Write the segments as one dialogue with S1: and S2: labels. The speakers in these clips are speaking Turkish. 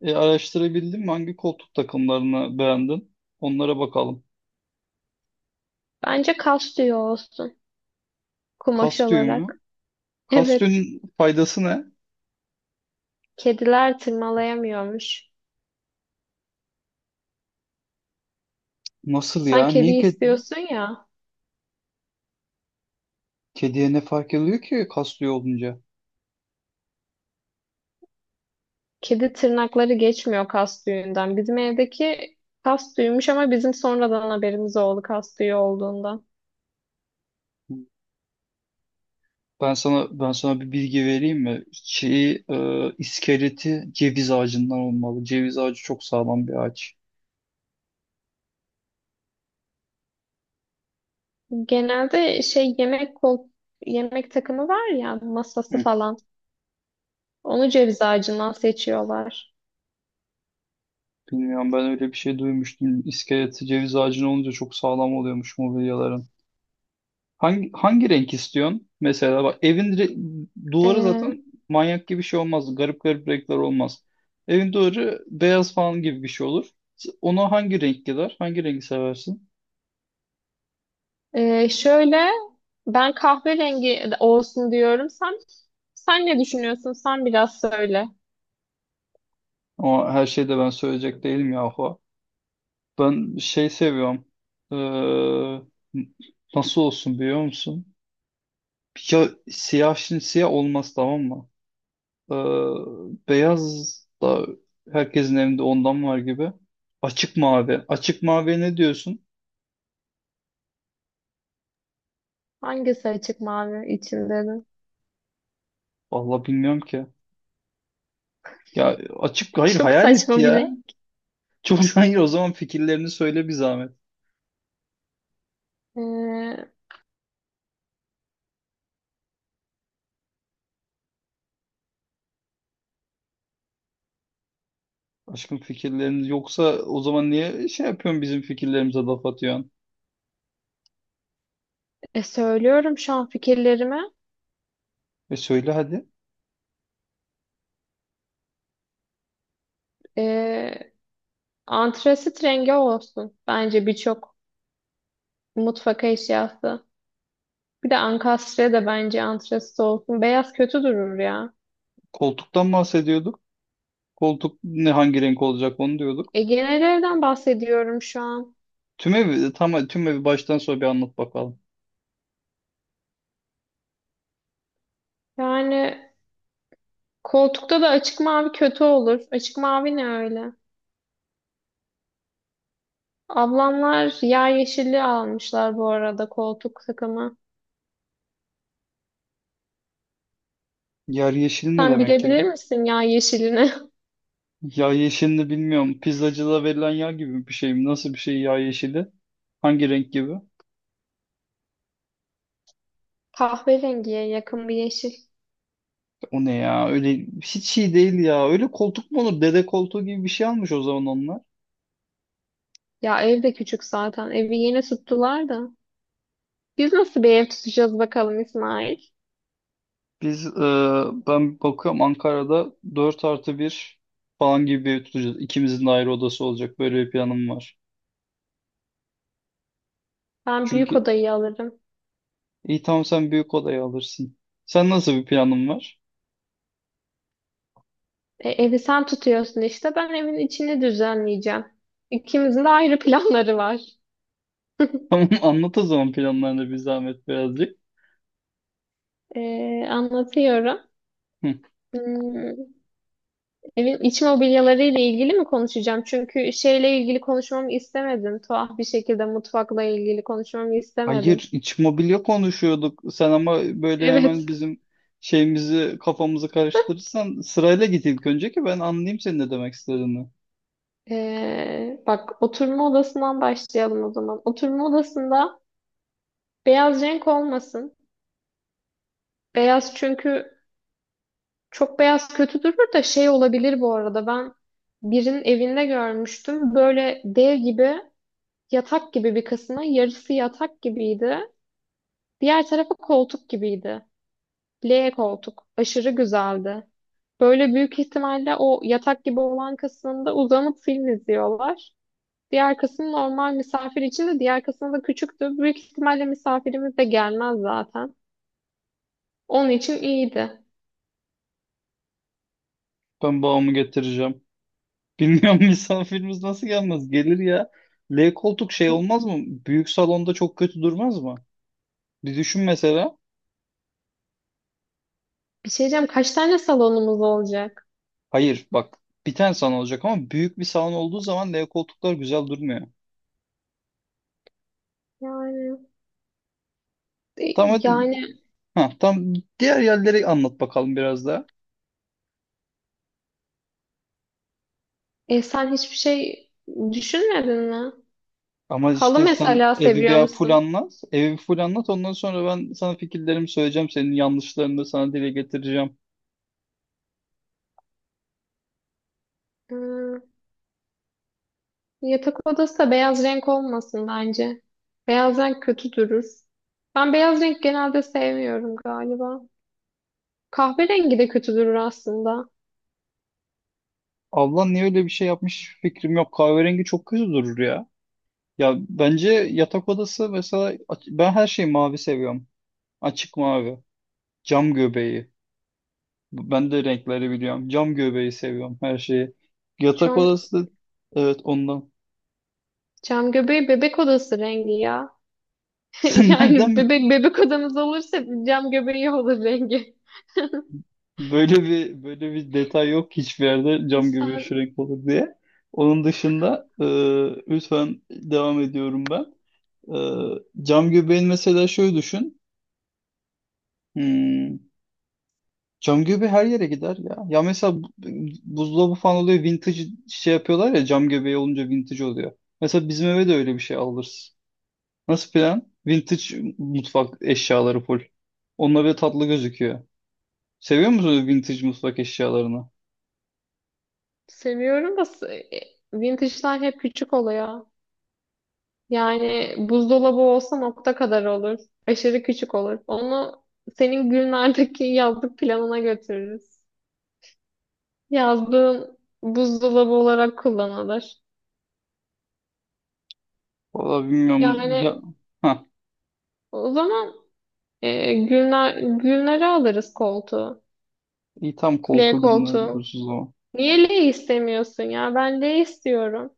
S1: Araştırabildin mi? Hangi koltuk takımlarını beğendin? Onlara bakalım.
S2: Bence kas tüyü olsun kumaş
S1: Kastümü.
S2: olarak. Evet,
S1: Kastümün faydası ne?
S2: kediler tırmalayamıyormuş.
S1: Nasıl
S2: Sen
S1: ya?
S2: kedi istiyorsun ya.
S1: Kediye ne fark ediyor ki kastüyü olunca?
S2: Kedi tırnakları geçmiyor kas tüyünden. Bizim evdeki kas tüyüymüş ama bizim sonradan haberimiz oldu kas tüyü olduğundan.
S1: Ben sana bir bilgi vereyim mi? Şeyi, iskeleti ceviz ağacından olmalı. Ceviz ağacı çok sağlam bir ağaç.
S2: Genelde şey yemek kol yemek takımı var ya, masası
S1: Hı.
S2: falan. Onu ceviz ağacından seçiyorlar.
S1: Bilmiyorum, ben öyle bir şey duymuştum. İskeleti ceviz ağacının olunca çok sağlam oluyormuş mobilyaların. Hangi renk istiyorsun? Mesela bak, duvarı
S2: Ee,
S1: zaten manyak gibi bir şey olmaz. Garip garip renkler olmaz. Evin duvarı beyaz falan gibi bir şey olur. Ona hangi renk gider? Hangi rengi seversin?
S2: Şöyle, ben kahverengi olsun diyorum. Sen ne düşünüyorsun? Sen biraz söyle.
S1: Ama her şeyi de ben söyleyecek değilim yahu. Ben şey seviyorum. Ee, nasıl olsun biliyor musun? Ya siyah, şimdi siyah olmaz, tamam mı? Ee, beyaz da herkesin evinde ondan var gibi. Açık mavi. Açık maviye ne diyorsun?
S2: Hangisi açık mavi içinde de?
S1: Vallahi bilmiyorum ki. Ya açık, hayır
S2: Çok
S1: hayal etti
S2: saçma bir
S1: ya.
S2: renk.
S1: Çok hayır, o zaman fikirlerini söyle bir zahmet. Aşkım, fikirleriniz yoksa o zaman niye şey yapıyorsun, bizim fikirlerimize laf atıyorsun?
S2: Söylüyorum şu an fikirlerimi.
S1: E söyle hadi.
S2: Ee, Antrasit rengi olsun. Bence birçok mutfak eşyası. Bir de ankastre de bence antrasit olsun. Beyaz kötü durur ya.
S1: Koltuktan bahsediyorduk. Koltuk ne, hangi renk olacak onu diyorduk.
S2: E, genel evden bahsediyorum şu an.
S1: Tüm evi, tam tüm evi baştan sona bir anlat bakalım.
S2: Yani koltukta da açık mavi kötü olur. Açık mavi ne öyle? Ablamlar yağ yeşili almışlar bu arada, koltuk takımı.
S1: Yer yeşil ne
S2: Sen
S1: demek ya?
S2: bilebilir misin yağ yeşilini?
S1: Yağ yeşilini bilmiyorum. Pizzacıda verilen yağ gibi bir şey mi? Nasıl bir şey yağ yeşili? Hangi renk gibi?
S2: Kahverengiye yakın bir yeşil.
S1: O ne ya? Öyle hiç iyi değil ya. Öyle koltuk mu olur? Dede koltuğu gibi bir şey almış o zaman onlar.
S2: Ya ev de küçük zaten. Evi yeni tuttular da. Biz nasıl bir ev tutacağız bakalım İsmail?
S1: Biz e, ben bakıyorum, Ankara'da 4 artı bir falan gibi bir ev tutacağız. İkimizin de ayrı odası olacak. Böyle bir planım var.
S2: Ben büyük
S1: Çünkü
S2: odayı alırım.
S1: iyi, tamam, sen büyük odayı alırsın. Sen nasıl bir planın var?
S2: E, evi sen tutuyorsun işte. Ben evin içini düzenleyeceğim. İkimizin de ayrı planları var.
S1: Tamam anlat o zaman planlarını bir zahmet birazcık.
S2: E, Anlatıyorum.
S1: Hı.
S2: Hmm, evin iç mobilyaları ile ilgili mi konuşacağım? Çünkü şeyle ilgili konuşmamı istemedin. Tuhaf bir şekilde mutfakla ilgili konuşmamı istemedin.
S1: Hayır, iç mobilya konuşuyorduk. Sen ama böyle
S2: Evet.
S1: hemen bizim şeyimizi, kafamızı karıştırırsan, sırayla git ilk önce ki ben anlayayım senin ne demek istediğini.
S2: Bak, oturma odasından başlayalım o zaman. Oturma odasında beyaz renk olmasın. Beyaz çünkü çok beyaz kötü durur da, şey olabilir bu arada. Ben birinin evinde görmüştüm. Böyle dev gibi, yatak gibi bir kısmı, yarısı yatak gibiydi. Diğer tarafı koltuk gibiydi. L koltuk. Aşırı güzeldi. Böyle büyük ihtimalle o yatak gibi olan kısmında uzanıp film izliyorlar. Diğer kısım normal misafir için, de diğer kısım da küçüktü. Büyük ihtimalle misafirimiz de gelmez zaten. Onun için iyiydi.
S1: Ben bağımı getireceğim. Bilmiyorum, misafirimiz nasıl gelmez? Gelir ya. L koltuk şey olmaz mı? Büyük salonda çok kötü durmaz mı? Bir düşün mesela.
S2: Bir şey diyeceğim, kaç tane salonumuz olacak?
S1: Hayır bak, bir tane salon olacak ama büyük bir salon olduğu zaman L koltuklar güzel durmuyor.
S2: Yani e,
S1: Tamam hadi.
S2: yani
S1: Ha, tam diğer yerleri anlat bakalım biraz daha.
S2: sen hiçbir şey düşünmedin mi?
S1: Ama
S2: Halı
S1: işte sen
S2: mesela
S1: evi
S2: seviyor
S1: bir full
S2: musun?
S1: anlat. Evi bir full anlat. Ondan sonra ben sana fikirlerimi söyleyeceğim. Senin yanlışlarını da sana dile getireceğim.
S2: Hmm, yatak odası da beyaz renk olmasın bence. Beyaz renk kötü durur. Ben beyaz renk genelde sevmiyorum galiba. Kahverengi de kötü durur aslında.
S1: Ablan niye öyle bir şey yapmış fikrim yok. Kahverengi çok kötü durur ya. Ya bence yatak odası mesela ben her şeyi mavi seviyorum. Açık mavi. Cam göbeği. Ben de renkleri biliyorum. Cam göbeği seviyorum her şeyi. Yatak
S2: Şu
S1: odası da evet ondan.
S2: cam göbeği bebek odası rengi ya.
S1: Sen
S2: Yani
S1: nereden.
S2: bebek odamız olursa cam göbeği olur rengi.
S1: Böyle bir detay yok hiçbir yerde, cam göbeği şu
S2: Sen
S1: renk olur diye. Onun dışında lütfen devam ediyorum ben. E, cam göbeğin mesela şöyle düşün. Hmm, cam göbeği her yere gider ya. Ya mesela buzdolabı falan oluyor vintage, şey yapıyorlar ya, cam göbeği olunca vintage oluyor. Mesela bizim eve de öyle bir şey alırız. Nasıl plan? Vintage mutfak eşyaları full. Onunla bir tatlı gözüküyor. Seviyor musun vintage mutfak eşyalarını?
S2: seviyorum da e, vintage'lar hep küçük oluyor. Yani buzdolabı olsa nokta kadar olur. Aşırı küçük olur. Onu senin günlerdeki yazlık planına götürürüz. Yazlığın buzdolabı olarak kullanılır.
S1: Valla bilmiyorum.
S2: Yani
S1: Ya, ha,
S2: o zaman günler, günleri alırız koltuğu.
S1: iyi tam
S2: L
S1: koltuğu
S2: koltuğu.
S1: gündüz o.
S2: Niye L istemiyorsun ya? Ben L istiyorum.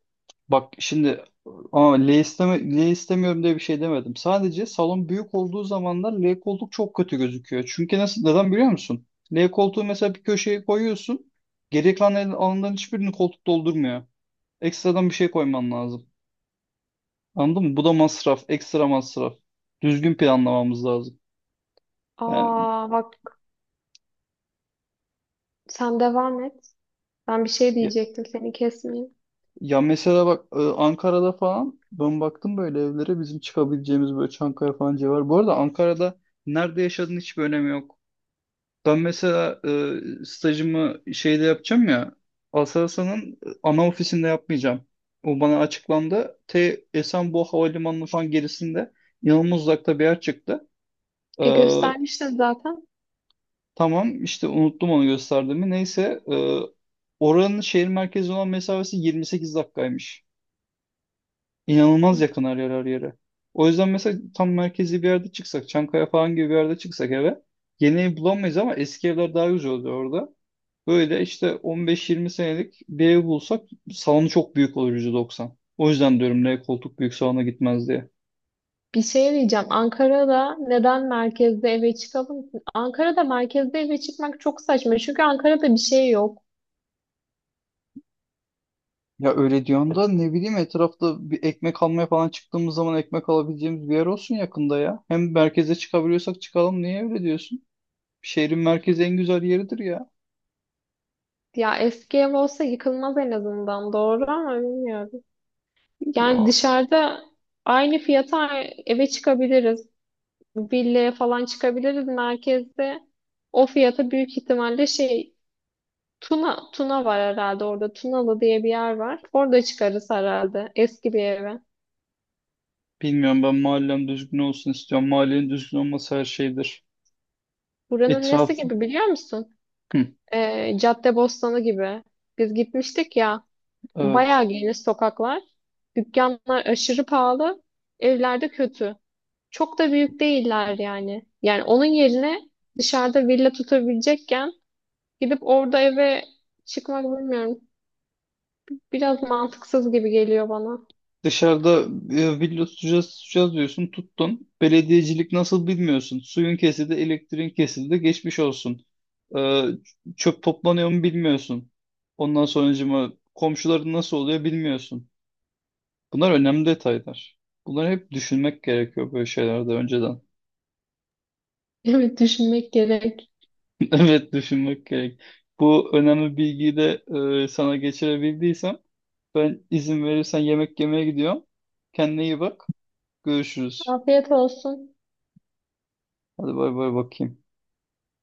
S1: Bak şimdi, ama L istemiyorum diye bir şey demedim. Sadece salon büyük olduğu zamanlar L koltuk çok kötü gözüküyor. Çünkü nasıl, neden biliyor musun? L koltuğu mesela bir köşeye koyuyorsun. Geri kalan alanların hiçbirini koltuk doldurmuyor. Ekstradan bir şey koyman lazım. Anladın mı? Bu da masraf. Ekstra masraf. Düzgün planlamamız lazım. Yani,
S2: Aa bak, sen devam et. Ben bir şey diyecektim, seni kesmeyeyim.
S1: ya mesela bak, Ankara'da falan ben baktım böyle evlere bizim çıkabileceğimiz, böyle Çankaya falan civarı. Bu arada Ankara'da nerede yaşadığın hiçbir önemi yok. Ben mesela stajımı şeyde yapacağım ya, Aselsan'ın ana ofisinde yapmayacağım. O bana açıklandı. T Esenboğa Havalimanı'nın falan gerisinde inanılmaz uzakta bir yer çıktı. E,
S2: E göstermiştin zaten.
S1: tamam işte, unuttum onu gösterdiğimi. Neyse, oranın şehir merkezi olan mesafesi 28 dakikaymış. İnanılmaz yakın her yer her yere. O yüzden mesela tam merkezi bir yerde çıksak, Çankaya falan gibi bir yerde çıksak eve, yeni ev bulamayız ama eski evler daha güzel oluyor orada. Böyle işte 15-20 senelik bir ev bulsak salonu çok büyük olur %90. O yüzden diyorum ne, koltuk büyük salona gitmez diye.
S2: Bir şey diyeceğim. Ankara'da neden merkezde eve çıkalım ki? Ankara'da merkezde eve çıkmak çok saçma. Çünkü Ankara'da bir şey yok.
S1: Ya öyle diyorsun da, ne bileyim, etrafta bir ekmek almaya falan çıktığımız zaman ekmek alabileceğimiz bir yer olsun yakında ya. Hem merkeze çıkabiliyorsak çıkalım, niye öyle diyorsun? Şehrin merkezi en güzel yeridir ya.
S2: Ya eski ev olsa yıkılmaz en azından. Doğru ama bilmiyorum. Yani
S1: Ya
S2: dışarıda aynı fiyata eve çıkabiliriz. Villaya falan çıkabiliriz merkezde. O fiyata büyük ihtimalle şey, Tuna var herhalde orada. Tunalı diye bir yer var. Orada çıkarız herhalde eski bir eve.
S1: bilmiyorum, ben mahallem düzgün olsun istiyorum. Mahallenin düzgün olması her şeydir.
S2: Buranın nesi
S1: Etraf,
S2: gibi biliyor musun?
S1: hı,
S2: Caddebostanı gibi. Biz gitmiştik ya. Bayağı
S1: evet.
S2: geniş sokaklar. Dükkanlar aşırı pahalı. Evlerde kötü. Çok da büyük değiller yani. Yani onun yerine dışarıda villa tutabilecekken gidip orada eve çıkmak, bilmiyorum. Biraz mantıksız gibi geliyor bana.
S1: Dışarıda villa tutacağız diyorsun, tuttun. Belediyecilik nasıl bilmiyorsun. Suyun kesildi, elektriğin kesildi, geçmiş olsun. Ee, çöp toplanıyor mu bilmiyorsun. Ondan sonracıma komşuların nasıl oluyor bilmiyorsun. Bunlar önemli detaylar. Bunları hep düşünmek gerekiyor böyle şeylerde önceden.
S2: Evet düşünmek gerek.
S1: Evet düşünmek gerek. Bu önemli bilgiyi de sana geçirebildiysem. Ben izin verirsen yemek yemeye gidiyorum. Kendine iyi bak. Görüşürüz.
S2: Afiyet olsun.
S1: Hadi bay bay bakayım.